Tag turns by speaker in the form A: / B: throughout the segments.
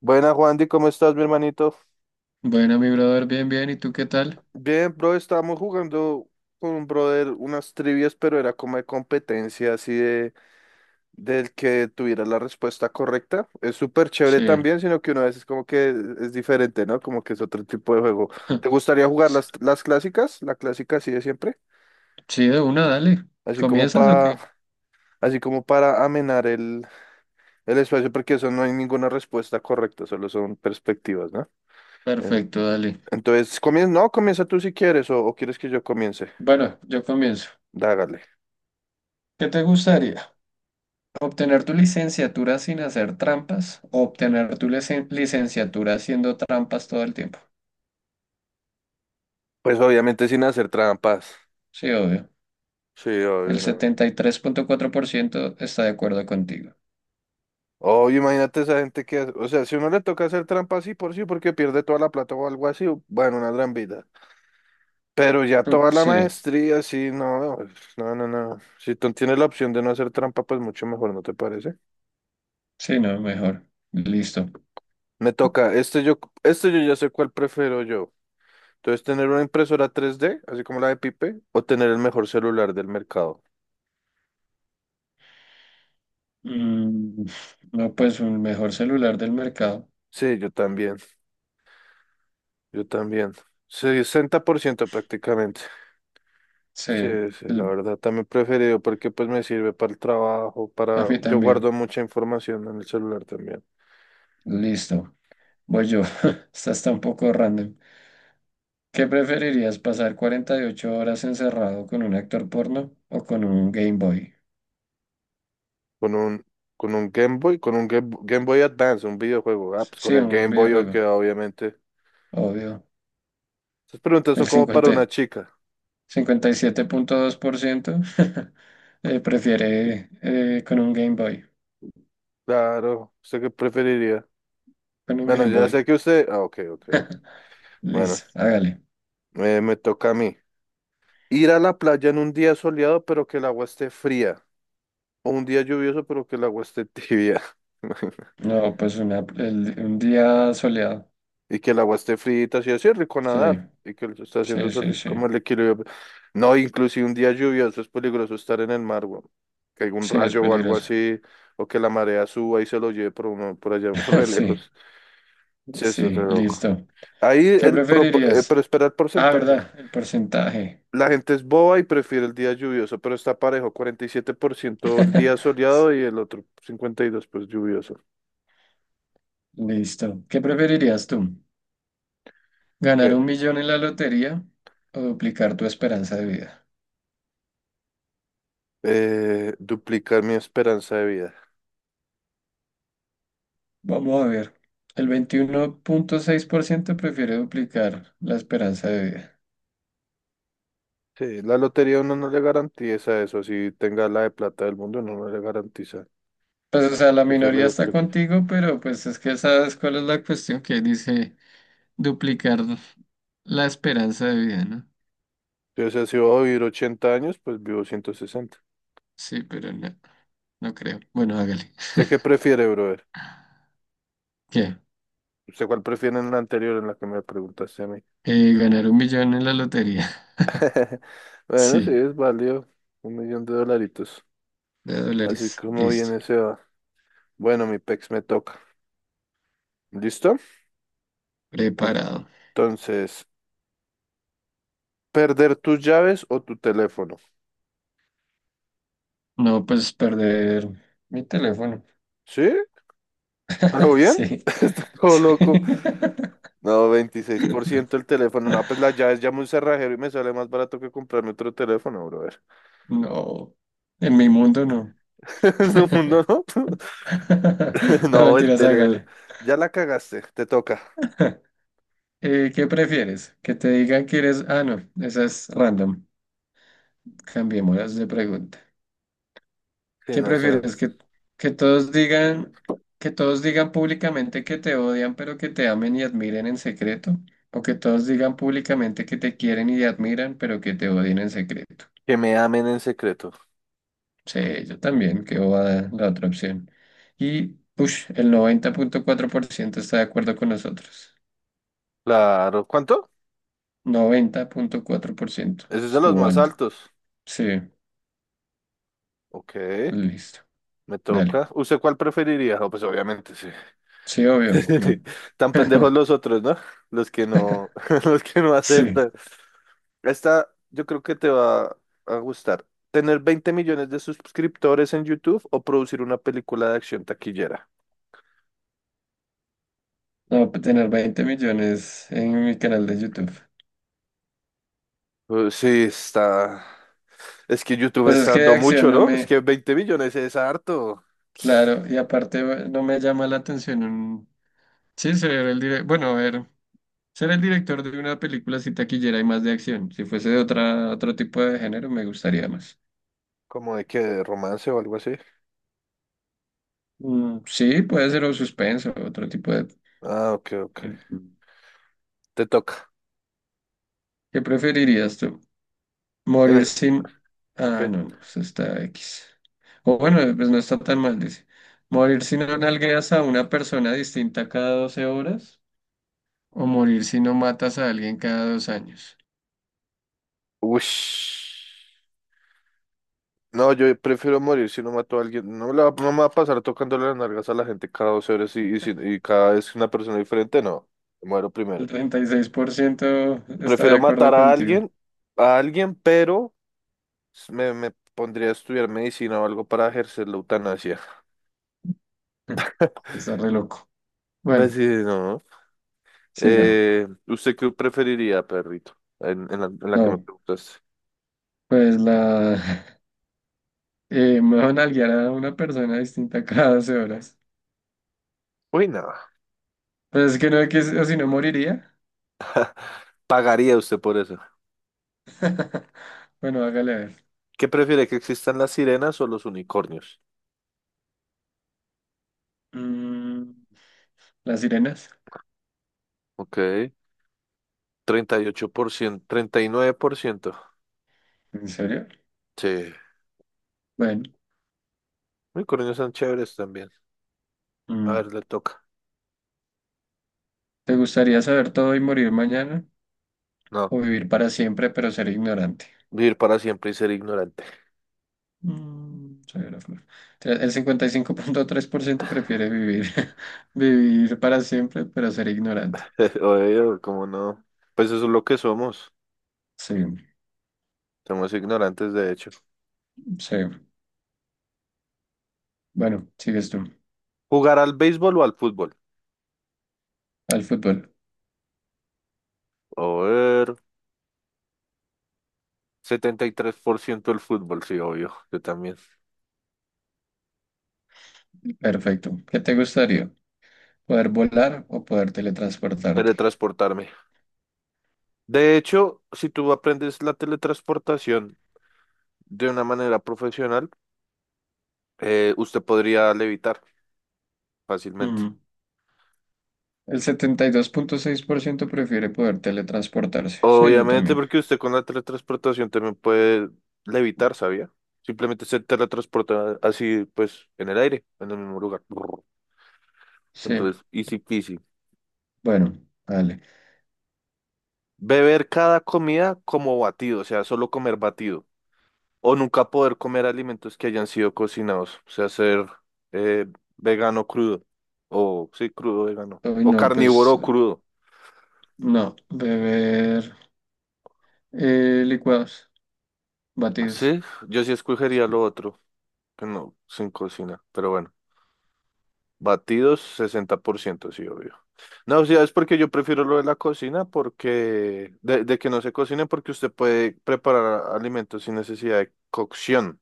A: Buena, Juandy, ¿cómo estás, mi hermanito?
B: Bueno, mi brother, bien, bien. ¿Y tú qué tal?
A: Bien, bro, estábamos jugando con un brother unas trivias, pero era como de competencia, así de del que tuviera la respuesta correcta. Es súper chévere
B: Sí.
A: también, sino que una vez es como que es diferente, ¿no? Como que es otro tipo de juego. ¿Te gustaría jugar las clásicas? La clásica así de siempre,
B: Sí, de una, dale.
A: así como
B: ¿Comienzas o
A: para,
B: qué?
A: así como para amenar el espacio, porque eso no hay ninguna respuesta correcta, solo son perspectivas, ¿no? En-
B: Perfecto, dale.
A: Entonces, comienza tú si quieres, o quieres que yo comience.
B: Bueno, yo comienzo.
A: Dágale.
B: ¿Qué te gustaría? ¿Obtener tu licenciatura sin hacer trampas o obtener tu licenciatura haciendo trampas todo el tiempo?
A: Pues obviamente sin hacer trampas.
B: Sí, obvio.
A: Sí, obvio,
B: El
A: no.
B: 73.4% está de acuerdo contigo.
A: Obvio, imagínate esa gente que o sea, si uno le toca hacer trampas, sí por sí, porque pierde toda la plata o algo así, bueno, una gran vida. Pero ya toda la
B: Sí,
A: maestría, sí, no. No, no, no. Si tú tienes la opción de no hacer trampa, pues mucho mejor, ¿no te parece?
B: sí, no, mejor. Listo.
A: Me toca. Yo ya sé cuál prefiero yo. Entonces, tener una impresora 3D así como la de Pipe, o tener el mejor celular del mercado.
B: Mm, no, pues un mejor celular del mercado.
A: Sí, yo también. Yo también. Sí, 60% prácticamente.
B: Sí,
A: Sí, sí, la
B: l-
A: verdad, también preferido porque pues me sirve para el trabajo,
B: a
A: para.
B: mí
A: Yo
B: también.
A: guardo mucha información en el celular también.
B: Listo, voy yo. Esta está un poco random. ¿Qué preferirías, pasar 48 horas encerrado con un actor porno o con un Game Boy?
A: Con un, con un Game Boy, con un Game Boy Advance, un videojuego. Ah, pues con
B: Sí,
A: el Game
B: un
A: Boy yo
B: videojuego,
A: queda obviamente.
B: obvio.
A: Estas preguntas son
B: El
A: como para una chica.
B: 50 57.2%, prefiere, con un Game Boy.
A: Claro, ¿usted qué preferiría?
B: Con un
A: Bueno,
B: Game
A: ya sé
B: Boy.
A: que usted. Ah, ok, ok, ok. Bueno,
B: Listo, hágale.
A: me toca a mí. Ir a la playa en un día soleado pero que el agua esté fría. O un día lluvioso pero que el agua esté tibia.
B: No, pues una, un día soleado.
A: Y que el agua esté frita, si así es rico
B: Sí,
A: nadar. Y que lo está haciendo
B: sí, sí,
A: sol,
B: sí.
A: como el equilibrio. No, inclusive un día lluvioso es peligroso estar en el mar, weón. Que haya un
B: Sí, es
A: rayo o algo
B: peligroso.
A: así, o que la marea suba y se lo lleve por, uno, por allá, re
B: Sí,
A: lejos. Sí, eso es re
B: sí,
A: loco.
B: listo.
A: Ahí
B: ¿Qué
A: pero
B: preferirías?
A: espera el
B: Ah,
A: porcentaje.
B: ¿verdad? El porcentaje.
A: La gente es boba y prefiere el día lluvioso, pero está parejo, 47% el día soleado y el otro 52% pues lluvioso.
B: Listo. ¿Qué preferirías tú? ¿Ganar
A: ¿Qué?
B: un millón en la lotería o duplicar tu esperanza de vida?
A: Duplicar mi esperanza de vida.
B: Vamos a ver. El 21.6% prefiere duplicar la esperanza de vida.
A: Sí, la lotería uno no le garantiza eso, si tenga la de plata del mundo, uno no le garantiza
B: Pues, o sea, la
A: que se le
B: minoría está
A: duplique.
B: contigo, pero pues es que sabes cuál es la cuestión que dice duplicar la esperanza de vida, ¿no?
A: Entonces, si voy a vivir 80 años, pues vivo 160.
B: Sí, pero no, no creo. Bueno, hágale.
A: ¿Usted qué prefiere, brother?
B: ¿Qué?
A: ¿Usted cuál prefiere en la anterior en la que me preguntaste a mí?
B: Ganar un millón en la lotería.
A: Bueno, sí,
B: Sí.
A: es válido. Un millón de dolaritos.
B: De
A: Así
B: dólares.
A: como
B: Listo.
A: viene se va. Bueno, mi pex me toca. ¿Listo?
B: Preparado.
A: Entonces, ¿perder tus llaves o tu teléfono?
B: No, pues perder mi teléfono.
A: ¿Sí? ¿A lo bien?
B: Sí.
A: Está todo
B: Sí.
A: loco. No, veintiséis por ciento el teléfono. No, pues la llave es ya a un cerrajero y me sale más barato que comprarme otro teléfono, brother.
B: No. En mi mundo no.
A: Es un mundo, ¿no?
B: No,
A: No, el
B: mentiras,
A: tele.
B: hágale.
A: Ya la cagaste, te toca.
B: ¿Qué prefieres? ¿Que te digan que eres... Ah, no, esa es random. Cambiémoslas de pregunta.
A: Sí,
B: ¿Qué
A: no, esa.
B: prefieres? ¿Que todos digan, que todos digan públicamente que te odian, pero que te amen y admiren en secreto? ¿O que todos digan públicamente que te quieren y te admiran, pero que te odien en secreto?
A: Que me amen en secreto.
B: Sí, yo también, que va la otra opción. Y, push, el 90.4% está de acuerdo con nosotros.
A: Claro. ¿Cuánto?
B: 90.4%
A: Ese es de los
B: estuvo
A: más
B: alto.
A: altos.
B: Sí,
A: Ok,
B: listo.
A: me
B: Dale.
A: toca. ¿Usted cuál preferiría? No, pues obviamente sí.
B: Sí, obvio. Mm.
A: Tan pendejos los otros, ¿no? Los que no, los que no
B: Sí.
A: aceptan. Esta yo creo que te va a gustar. ¿Tener 20 millones de suscriptores en YouTube o producir una película de acción taquillera?
B: No, tener 20 millones en mi canal de YouTube.
A: Sí, está. Es que YouTube
B: Pues es
A: está
B: que
A: dando
B: de acción
A: mucho,
B: no
A: ¿no? Es
B: me,
A: que 20 millones es harto.
B: claro, y aparte no me llama la atención un, sí, ser el bueno, a ver, ser el director de una película si taquillera y más de acción. Si fuese de otra, otro tipo de género me gustaría más.
A: Como de que de romance o algo así.
B: Mm, sí, puede ser o suspenso, otro tipo de...
A: Ah, ok, ok.
B: eh,
A: Te toca.
B: ¿Qué preferirías tú?
A: En
B: Morir
A: el-
B: sin... Ah,
A: Ok.
B: no, no, eso está X. O bueno, pues no está tan mal, dice. Morir si no nalgueas a una persona distinta cada 12 horas o morir si no matas a alguien cada 2 años.
A: Ush. No, yo prefiero morir si no mato a alguien. No, no me va a pasar tocando las nalgas a la gente cada 2 horas y, si- y cada vez una persona diferente, no. Muero primero.
B: El 36% está
A: Prefiero
B: de acuerdo
A: matar a
B: contigo.
A: alguien, a alguien, pero me pondría a estudiar medicina o algo para ejercer la eutanasia.
B: Está re loco.
A: Pues
B: Bueno,
A: sí, no. ¿No?
B: siga.
A: ¿Usted qué preferiría, perrito? En la que me
B: No,
A: preguntaste.
B: pues la... me van a nalguear a una persona distinta cada 12 horas.
A: Uy, no.
B: Pues es que no, que si o si no moriría.
A: ¿Pagaría usted por eso?
B: Bueno, hágale a ver.
A: ¿Qué prefiere, que existan las sirenas o los unicornios?
B: Mm, ¿las sirenas?
A: Ok. 38%. 39%.
B: ¿En serio?
A: Sí.
B: Bueno,
A: Unicornios son chéveres también. A
B: mm,
A: ver, le toca.
B: ¿te gustaría saber todo y morir mañana?
A: No.
B: ¿O vivir para siempre pero ser ignorante?
A: Vivir para siempre y ser ignorante.
B: Mm, soy una flor. Entonces, el 55.3% prefiere vivir, vivir para siempre, pero ser ignorante.
A: obvio, ¿cómo no? Pues eso es lo que somos.
B: Sí,
A: Somos ignorantes, de hecho.
B: sí. Bueno, sigues tú.
A: ¿Jugar al béisbol o al fútbol?
B: Al fútbol.
A: A ver, 73% el fútbol, sí, obvio. Yo también.
B: Perfecto. ¿Qué te gustaría? ¿Poder volar o poder teletransportarte?
A: Teletransportarme. De hecho, si tú aprendes la teletransportación de una manera profesional, usted podría levitar fácilmente.
B: Mm, el 72.6% prefiere poder teletransportarse. Sí, yo
A: Obviamente,
B: también.
A: porque usted con la teletransportación también puede levitar, ¿sabía? Simplemente se teletransporta así, pues, en el aire, en el mismo lugar.
B: Sí,
A: Entonces, easy peasy.
B: bueno, vale.
A: Beber cada comida como batido, o sea, solo comer batido. O nunca poder comer alimentos que hayan sido cocinados, o sea, ser eh, vegano crudo. O sí, crudo vegano.
B: Hoy
A: O
B: no, pues
A: carnívoro crudo.
B: no. Beber licuados, batidos.
A: Sí, yo sí escogería lo otro, que no, sin cocina. Pero bueno, batidos 60%, sí, obvio. No, o sea, es porque yo prefiero lo de la cocina, porque de que no se cocine, porque usted puede preparar alimentos sin necesidad de cocción.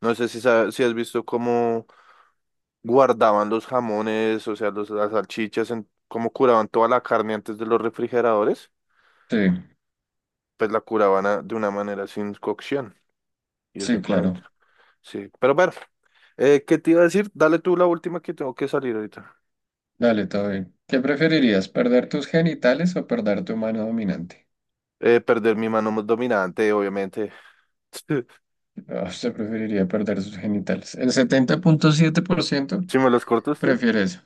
A: No sé si has visto cómo guardaban los jamones, o sea, los, las salchichas, en, como curaban toda la carne antes de los refrigeradores,
B: Sí,
A: pues la curaban de una manera sin cocción. Y
B: sí,
A: eso con el-
B: claro.
A: Sí, pero bueno, ¿qué te iba a decir? Dale tú la última que tengo que salir ahorita.
B: Dale, todo bien. ¿Qué preferirías, perder tus genitales o perder tu mano dominante?
A: Perder mi mano más dominante, obviamente.
B: Ah, usted preferiría perder sus genitales. El 70.7%
A: ¿Si me los corta usted?
B: prefiere eso.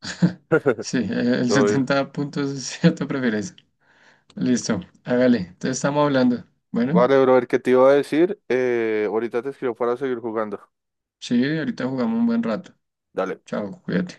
B: Sí, el
A: Obvio.
B: 70.7% prefiere eso. Listo, hágale. Te estamos hablando. Bueno,
A: Vale, brother, ¿qué te iba a decir? Ahorita te escribo para seguir jugando.
B: sí, ahorita jugamos un buen rato.
A: Dale.
B: Chao, cuídate.